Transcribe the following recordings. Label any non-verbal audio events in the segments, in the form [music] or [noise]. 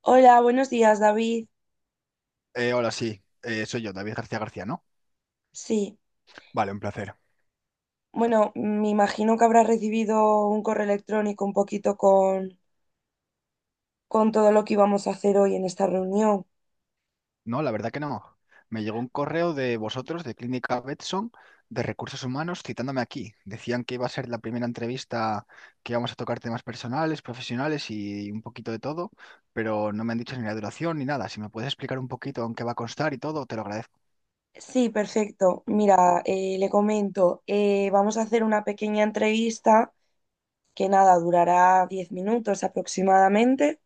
Hola, buenos días, David. Hola, sí, soy yo, David García García, ¿no? Sí, Vale, un placer. bueno, me imagino que habrás recibido un correo electrónico un poquito con todo lo que íbamos a hacer hoy en esta reunión. No, la verdad que no. Me llegó un correo de vosotros, de Clínica Betson, de Recursos Humanos, citándome aquí. Decían que iba a ser la primera entrevista que íbamos a tocar temas personales, profesionales y un poquito de todo, pero no me han dicho ni la duración ni nada. Si me puedes explicar un poquito en qué va a constar y todo, te lo agradezco. Sí, perfecto. Mira, le comento, vamos a hacer una pequeña entrevista que nada, durará 10 minutos aproximadamente.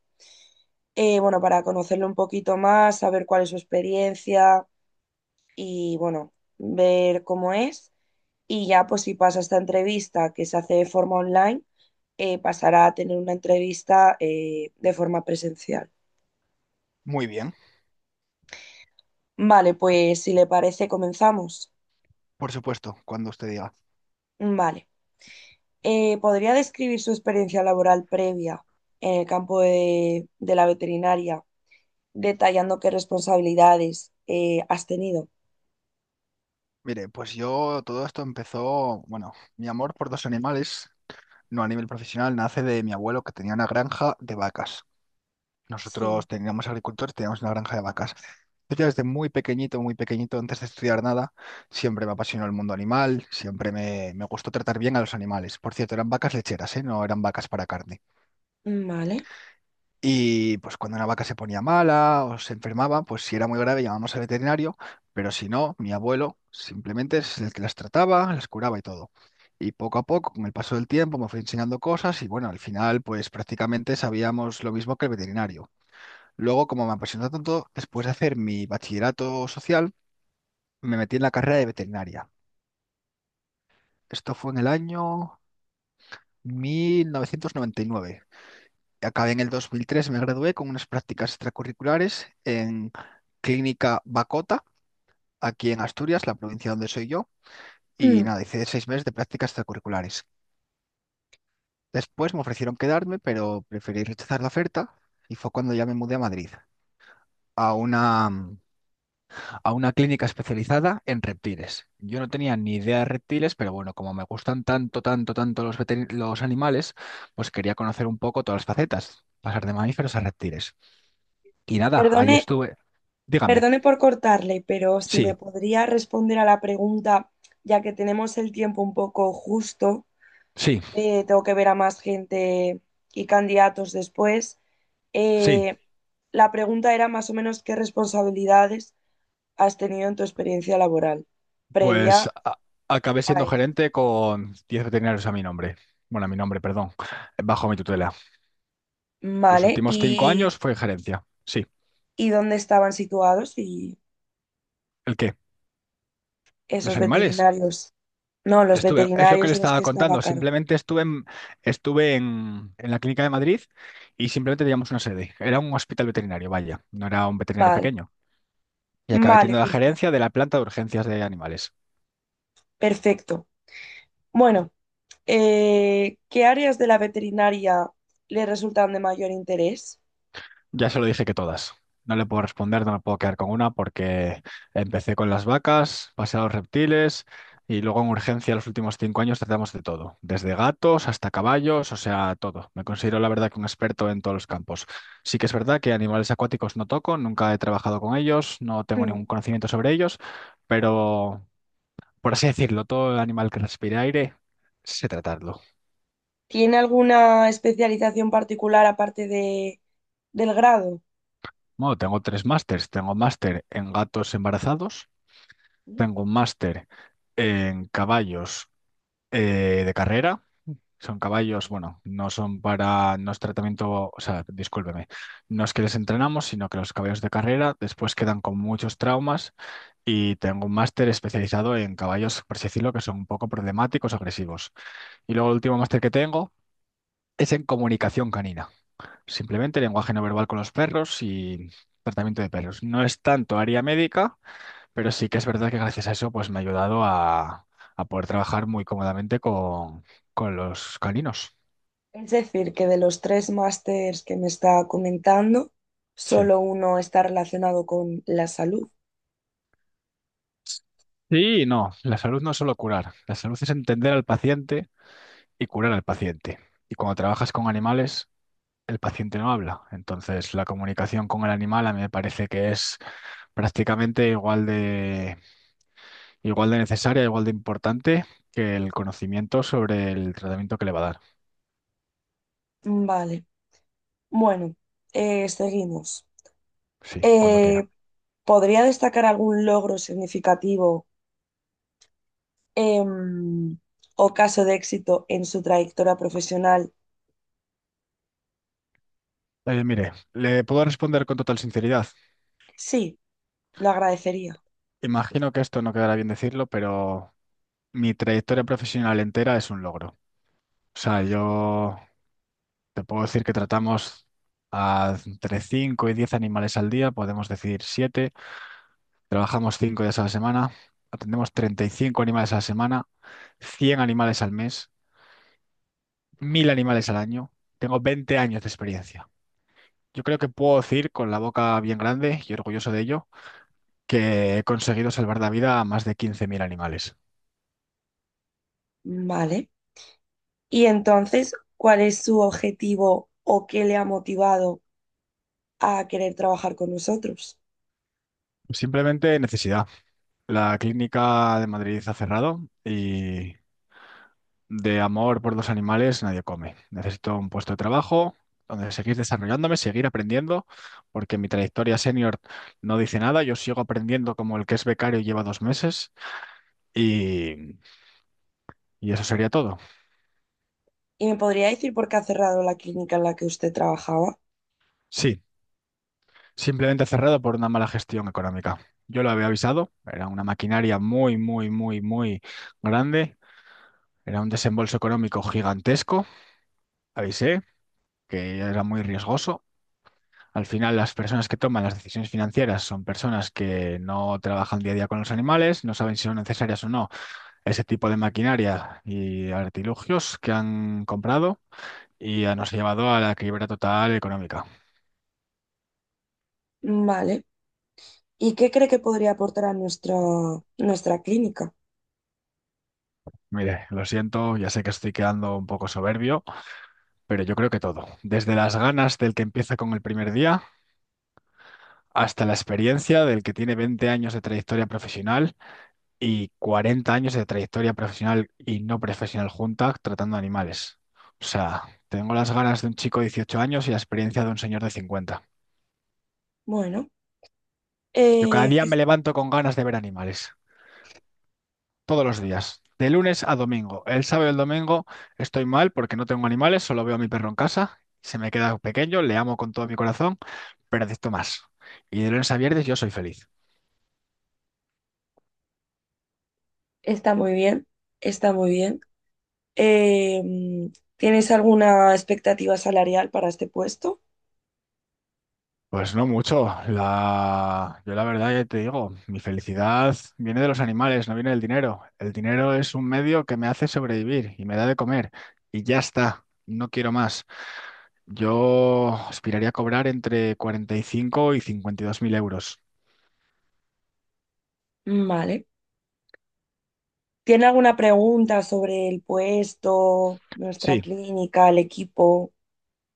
Bueno, para conocerlo un poquito más, saber cuál es su experiencia y bueno, ver cómo es. Y ya, pues si pasa esta entrevista que se hace de forma online, pasará a tener una entrevista de forma presencial. Muy bien, Vale, pues si le parece, comenzamos. por supuesto, cuando usted diga. Vale. ¿Podría describir su experiencia laboral previa en el campo de la veterinaria, detallando qué responsabilidades has tenido? Mire, pues yo todo esto empezó, bueno, mi amor por dos animales no a nivel profesional, nace de mi abuelo que tenía una granja de vacas. Sí. Nosotros teníamos agricultores, teníamos una granja de vacas. Yo ya desde muy pequeñito, antes de estudiar nada, siempre me apasionó el mundo animal, siempre me gustó tratar bien a los animales. Por cierto, eran vacas lecheras, ¿eh? No eran vacas para carne. Vale. Y pues cuando una vaca se ponía mala o se enfermaba, pues si era muy grave llamábamos al veterinario, pero si no, mi abuelo simplemente es el que las trataba, las curaba y todo. Y poco a poco, con el paso del tiempo, me fue enseñando cosas y bueno, al final pues prácticamente sabíamos lo mismo que el veterinario. Luego, como me apasionó tanto, después de hacer mi bachillerato social, me metí en la carrera de veterinaria. Esto fue en el año 1999. Acabé en el 2003, me gradué con unas prácticas extracurriculares en Clínica Bacota, aquí en Asturias, la provincia donde soy yo, y Mm. nada, hice 6 meses de prácticas extracurriculares. Después me ofrecieron quedarme, pero preferí rechazar la oferta y fue cuando ya me mudé a Madrid, a una, a una clínica especializada en reptiles. Yo no tenía ni idea de reptiles, pero bueno, como me gustan tanto, tanto, tanto los animales, pues quería conocer un poco todas las facetas, pasar de mamíferos a reptiles. Y nada, ahí Perdone. estuve. Dígame. Perdone por cortarle, pero si me Sí, podría responder a la pregunta, ya que tenemos el tiempo un poco justo, sí, tengo que ver a más gente y candidatos después. sí. Eh, la pregunta era más o menos qué responsabilidades has tenido en tu experiencia laboral Pues previa acabé a siendo esto. gerente con 10 veterinarios a mi nombre. Bueno, a mi nombre, perdón. Bajo mi tutela. Los Vale, últimos cinco años fue gerencia. Sí. y dónde estaban situados y ¿El qué? esos ¿Los animales? veterinarios, no, los Estuve, es lo que veterinarios le de los estaba que estaba a contando. cargo. Simplemente en la clínica de Madrid y simplemente teníamos una sede. Era un hospital veterinario, vaya. No era un veterinario Vale, pequeño. Y acabé vale, teniendo la perfecto, gerencia de la planta de urgencias de animales. perfecto. Bueno. ¿Qué áreas de la veterinaria le resultan de mayor interés? [clears throat] Ya se lo dije que todas. No le puedo responder, no me puedo quedar con una porque empecé con las vacas, pasé a los reptiles y luego en urgencia los últimos 5 años tratamos de todo, desde gatos hasta caballos, o sea, todo. Me considero la verdad que un experto en todos los campos. Sí que es verdad que animales acuáticos no toco, nunca he trabajado con ellos, no tengo Hmm. ningún conocimiento sobre ellos, pero por así decirlo, todo animal que respire aire, sé tratarlo. ¿Tiene alguna especialización particular aparte del grado? Bueno, tengo tres másters. Tengo máster en gatos embarazados. Mm. Tengo un máster en caballos de carrera. Son caballos, Bien. bueno, no son para, no es tratamiento, o sea, discúlpeme, no es que les entrenamos, sino que los caballos de carrera después quedan con muchos traumas y tengo un máster especializado en caballos, por así decirlo, que son un poco problemáticos, agresivos. Y luego el último máster que tengo es en comunicación canina, simplemente lenguaje no verbal con los perros y tratamiento de perros. No es tanto área médica pero sí que es verdad que gracias a eso pues me ha ayudado a poder trabajar muy cómodamente con los caninos. Es decir, que de los tres másters que me está comentando, Sí. solo uno está relacionado con la salud. Sí, y no, la salud no es solo curar, la salud es entender al paciente y curar al paciente. Y cuando trabajas con animales, el paciente no habla. Entonces, la comunicación con el animal a mí me parece que es prácticamente igual de necesaria, igual de importante que el conocimiento sobre el tratamiento que le va a dar. Vale, bueno, seguimos. Sí, cuando quiera. Eh, ¿Podría destacar algún logro significativo em, o caso de éxito en su trayectoria profesional? Mire, le puedo responder con total sinceridad. Sí, lo agradecería. Imagino que esto no quedará bien decirlo, pero mi trayectoria profesional entera es un logro. O sea, yo te puedo decir que tratamos a entre 5 y 10 animales al día, podemos decir 7. Trabajamos 5 días a la semana, atendemos 35 animales a la semana, 100 animales al mes, 1.000 animales al año. Tengo 20 años de experiencia. Yo creo que puedo decir con la boca bien grande y orgulloso de ello que he conseguido salvar la vida a más de 15.000 animales. Vale. Y entonces, ¿cuál es su objetivo o qué le ha motivado a querer trabajar con nosotros? Simplemente necesidad. La clínica de Madrid ha cerrado y de amor por los animales nadie come. Necesito un puesto de trabajo donde seguir desarrollándome, seguir aprendiendo, porque mi trayectoria senior no dice nada. Yo sigo aprendiendo como el que es becario y lleva 2 meses y, y eso sería todo. ¿Y me podría decir por qué ha cerrado la clínica en la que usted trabajaba? Sí, simplemente cerrado por una mala gestión económica. Yo lo había avisado, era una maquinaria muy, muy, muy, muy grande, era un desembolso económico gigantesco. Avisé que era muy riesgoso. Al final, las personas que toman las decisiones financieras son personas que no trabajan día a día con los animales, no saben si son necesarias o no ese tipo de maquinaria y artilugios que han comprado y ya nos ha llevado a la quiebra total económica. Vale. ¿Y qué cree que podría aportar a nuestra clínica? Mire, lo siento, ya sé que estoy quedando un poco soberbio, pero yo creo que todo, desde las ganas del que empieza con el primer día hasta la experiencia del que tiene 20 años de trayectoria profesional y 40 años de trayectoria profesional y no profesional juntas tratando animales. O sea, tengo las ganas de un chico de 18 años y la experiencia de un señor de 50. Bueno, Yo cada eh, que día me es- levanto con ganas de ver animales, todos los días, de lunes a domingo. El sábado y el domingo estoy mal porque no tengo animales, solo veo a mi perro en casa, se me queda pequeño, le amo con todo mi corazón, pero necesito más. Y de lunes a viernes yo soy feliz. está muy bien, está muy bien. Eh, ¿Tienes alguna expectativa salarial para este puesto? Pues no mucho. Yo la verdad ya te digo, mi felicidad viene de los animales, no viene del dinero. El dinero es un medio que me hace sobrevivir y me da de comer. Y ya está, no quiero más. Yo aspiraría a cobrar entre 45 y 52.000 euros. Mm. Vale. ¿Tiene alguna pregunta sobre el puesto, nuestra Sí, clínica, el equipo?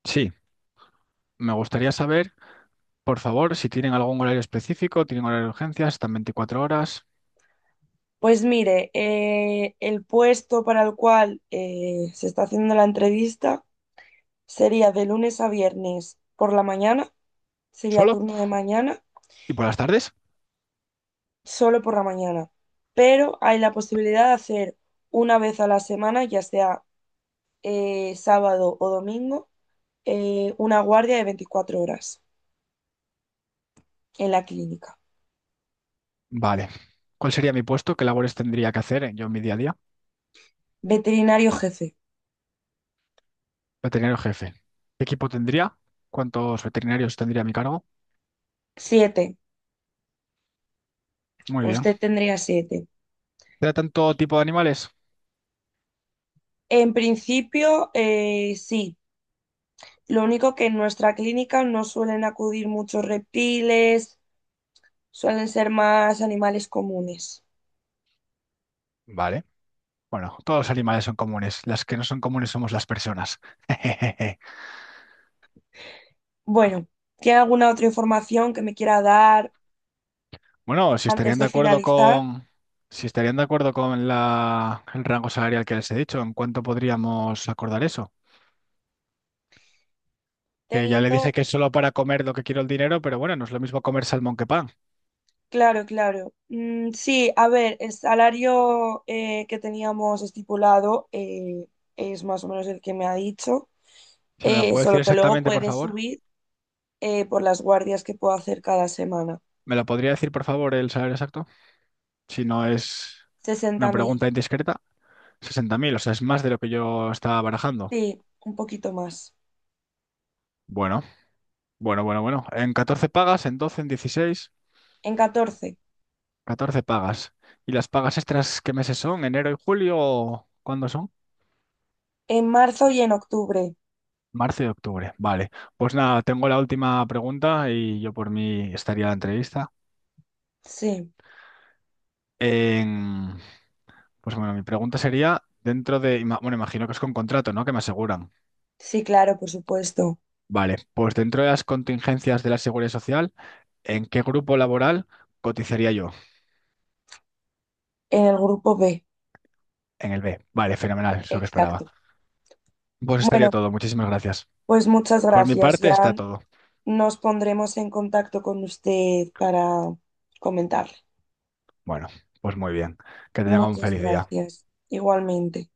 sí. Me gustaría saber, por favor, si tienen algún horario específico, tienen horario de urgencias, están 24 horas Pues mire, el puesto para el cual se está haciendo la entrevista sería de lunes a viernes por la mañana, sería solo. turno de mañana, ¿Y por las tardes? solo por la mañana, pero hay la posibilidad de hacer una vez a la semana, ya sea sábado o domingo, una guardia de 24 horas en la clínica. Vale. ¿Cuál sería mi puesto? ¿Qué labores tendría que hacer yo en mi día a día? Veterinario jefe, Veterinario jefe. ¿Qué equipo tendría? ¿Cuántos veterinarios tendría a mi cargo? 7. Muy bien. Usted tendría 7. ¿Tratan todo tipo de animales? En principio, sí. Lo único que en nuestra clínica no suelen acudir muchos reptiles, suelen ser más animales comunes. Vale. Bueno, todos los animales son comunes. Las que no son comunes somos las personas. [laughs] Bueno, ¿tiene alguna otra información que me quiera dar Bueno, si antes estarían de de acuerdo finalizar? con, si estarían de acuerdo con el rango salarial que les he dicho, ¿en cuánto podríamos acordar eso? Que ya le Teniendo, dije que es solo para comer lo que quiero el dinero, pero bueno, no es lo mismo comer salmón que pan. claro, claro. Mm, sí, a ver, el salario que teníamos estipulado es más o menos el que me ha dicho, Si me lo puede solo decir que luego exactamente, por puede favor. subir por las guardias que puedo hacer cada semana. ¿Me lo podría decir, por favor, el salario exacto, si no es una 60.000. pregunta indiscreta? 60.000, o sea, es más de lo que yo estaba barajando. Sí, un poquito más. Bueno, bueno, bueno, bueno. ¿En 14 pagas, en 12, en 16? En 14. 14 pagas. ¿Y las pagas extras qué meses son? ¿Enero y julio? ¿O cuándo son? En marzo y en octubre. Marzo y octubre. Vale. Pues nada, tengo la última pregunta y yo por mí estaría la entrevista. Sí, En- Pues bueno, mi pregunta sería, bueno, imagino que es con contrato, ¿no? Que me aseguran. sí, claro, por supuesto. Vale, pues dentro de las contingencias de la Seguridad Social. ¿En qué grupo laboral cotizaría yo? En el grupo B, En el B. Vale, fenomenal, es lo que esperaba. exacto. Pues estaría Bueno, todo, muchísimas gracias. pues muchas Por mi gracias. parte está Ya todo. nos pondremos en contacto con usted para comentarle. Bueno, pues muy bien. Que tengan un Muchas feliz día. gracias. Igualmente.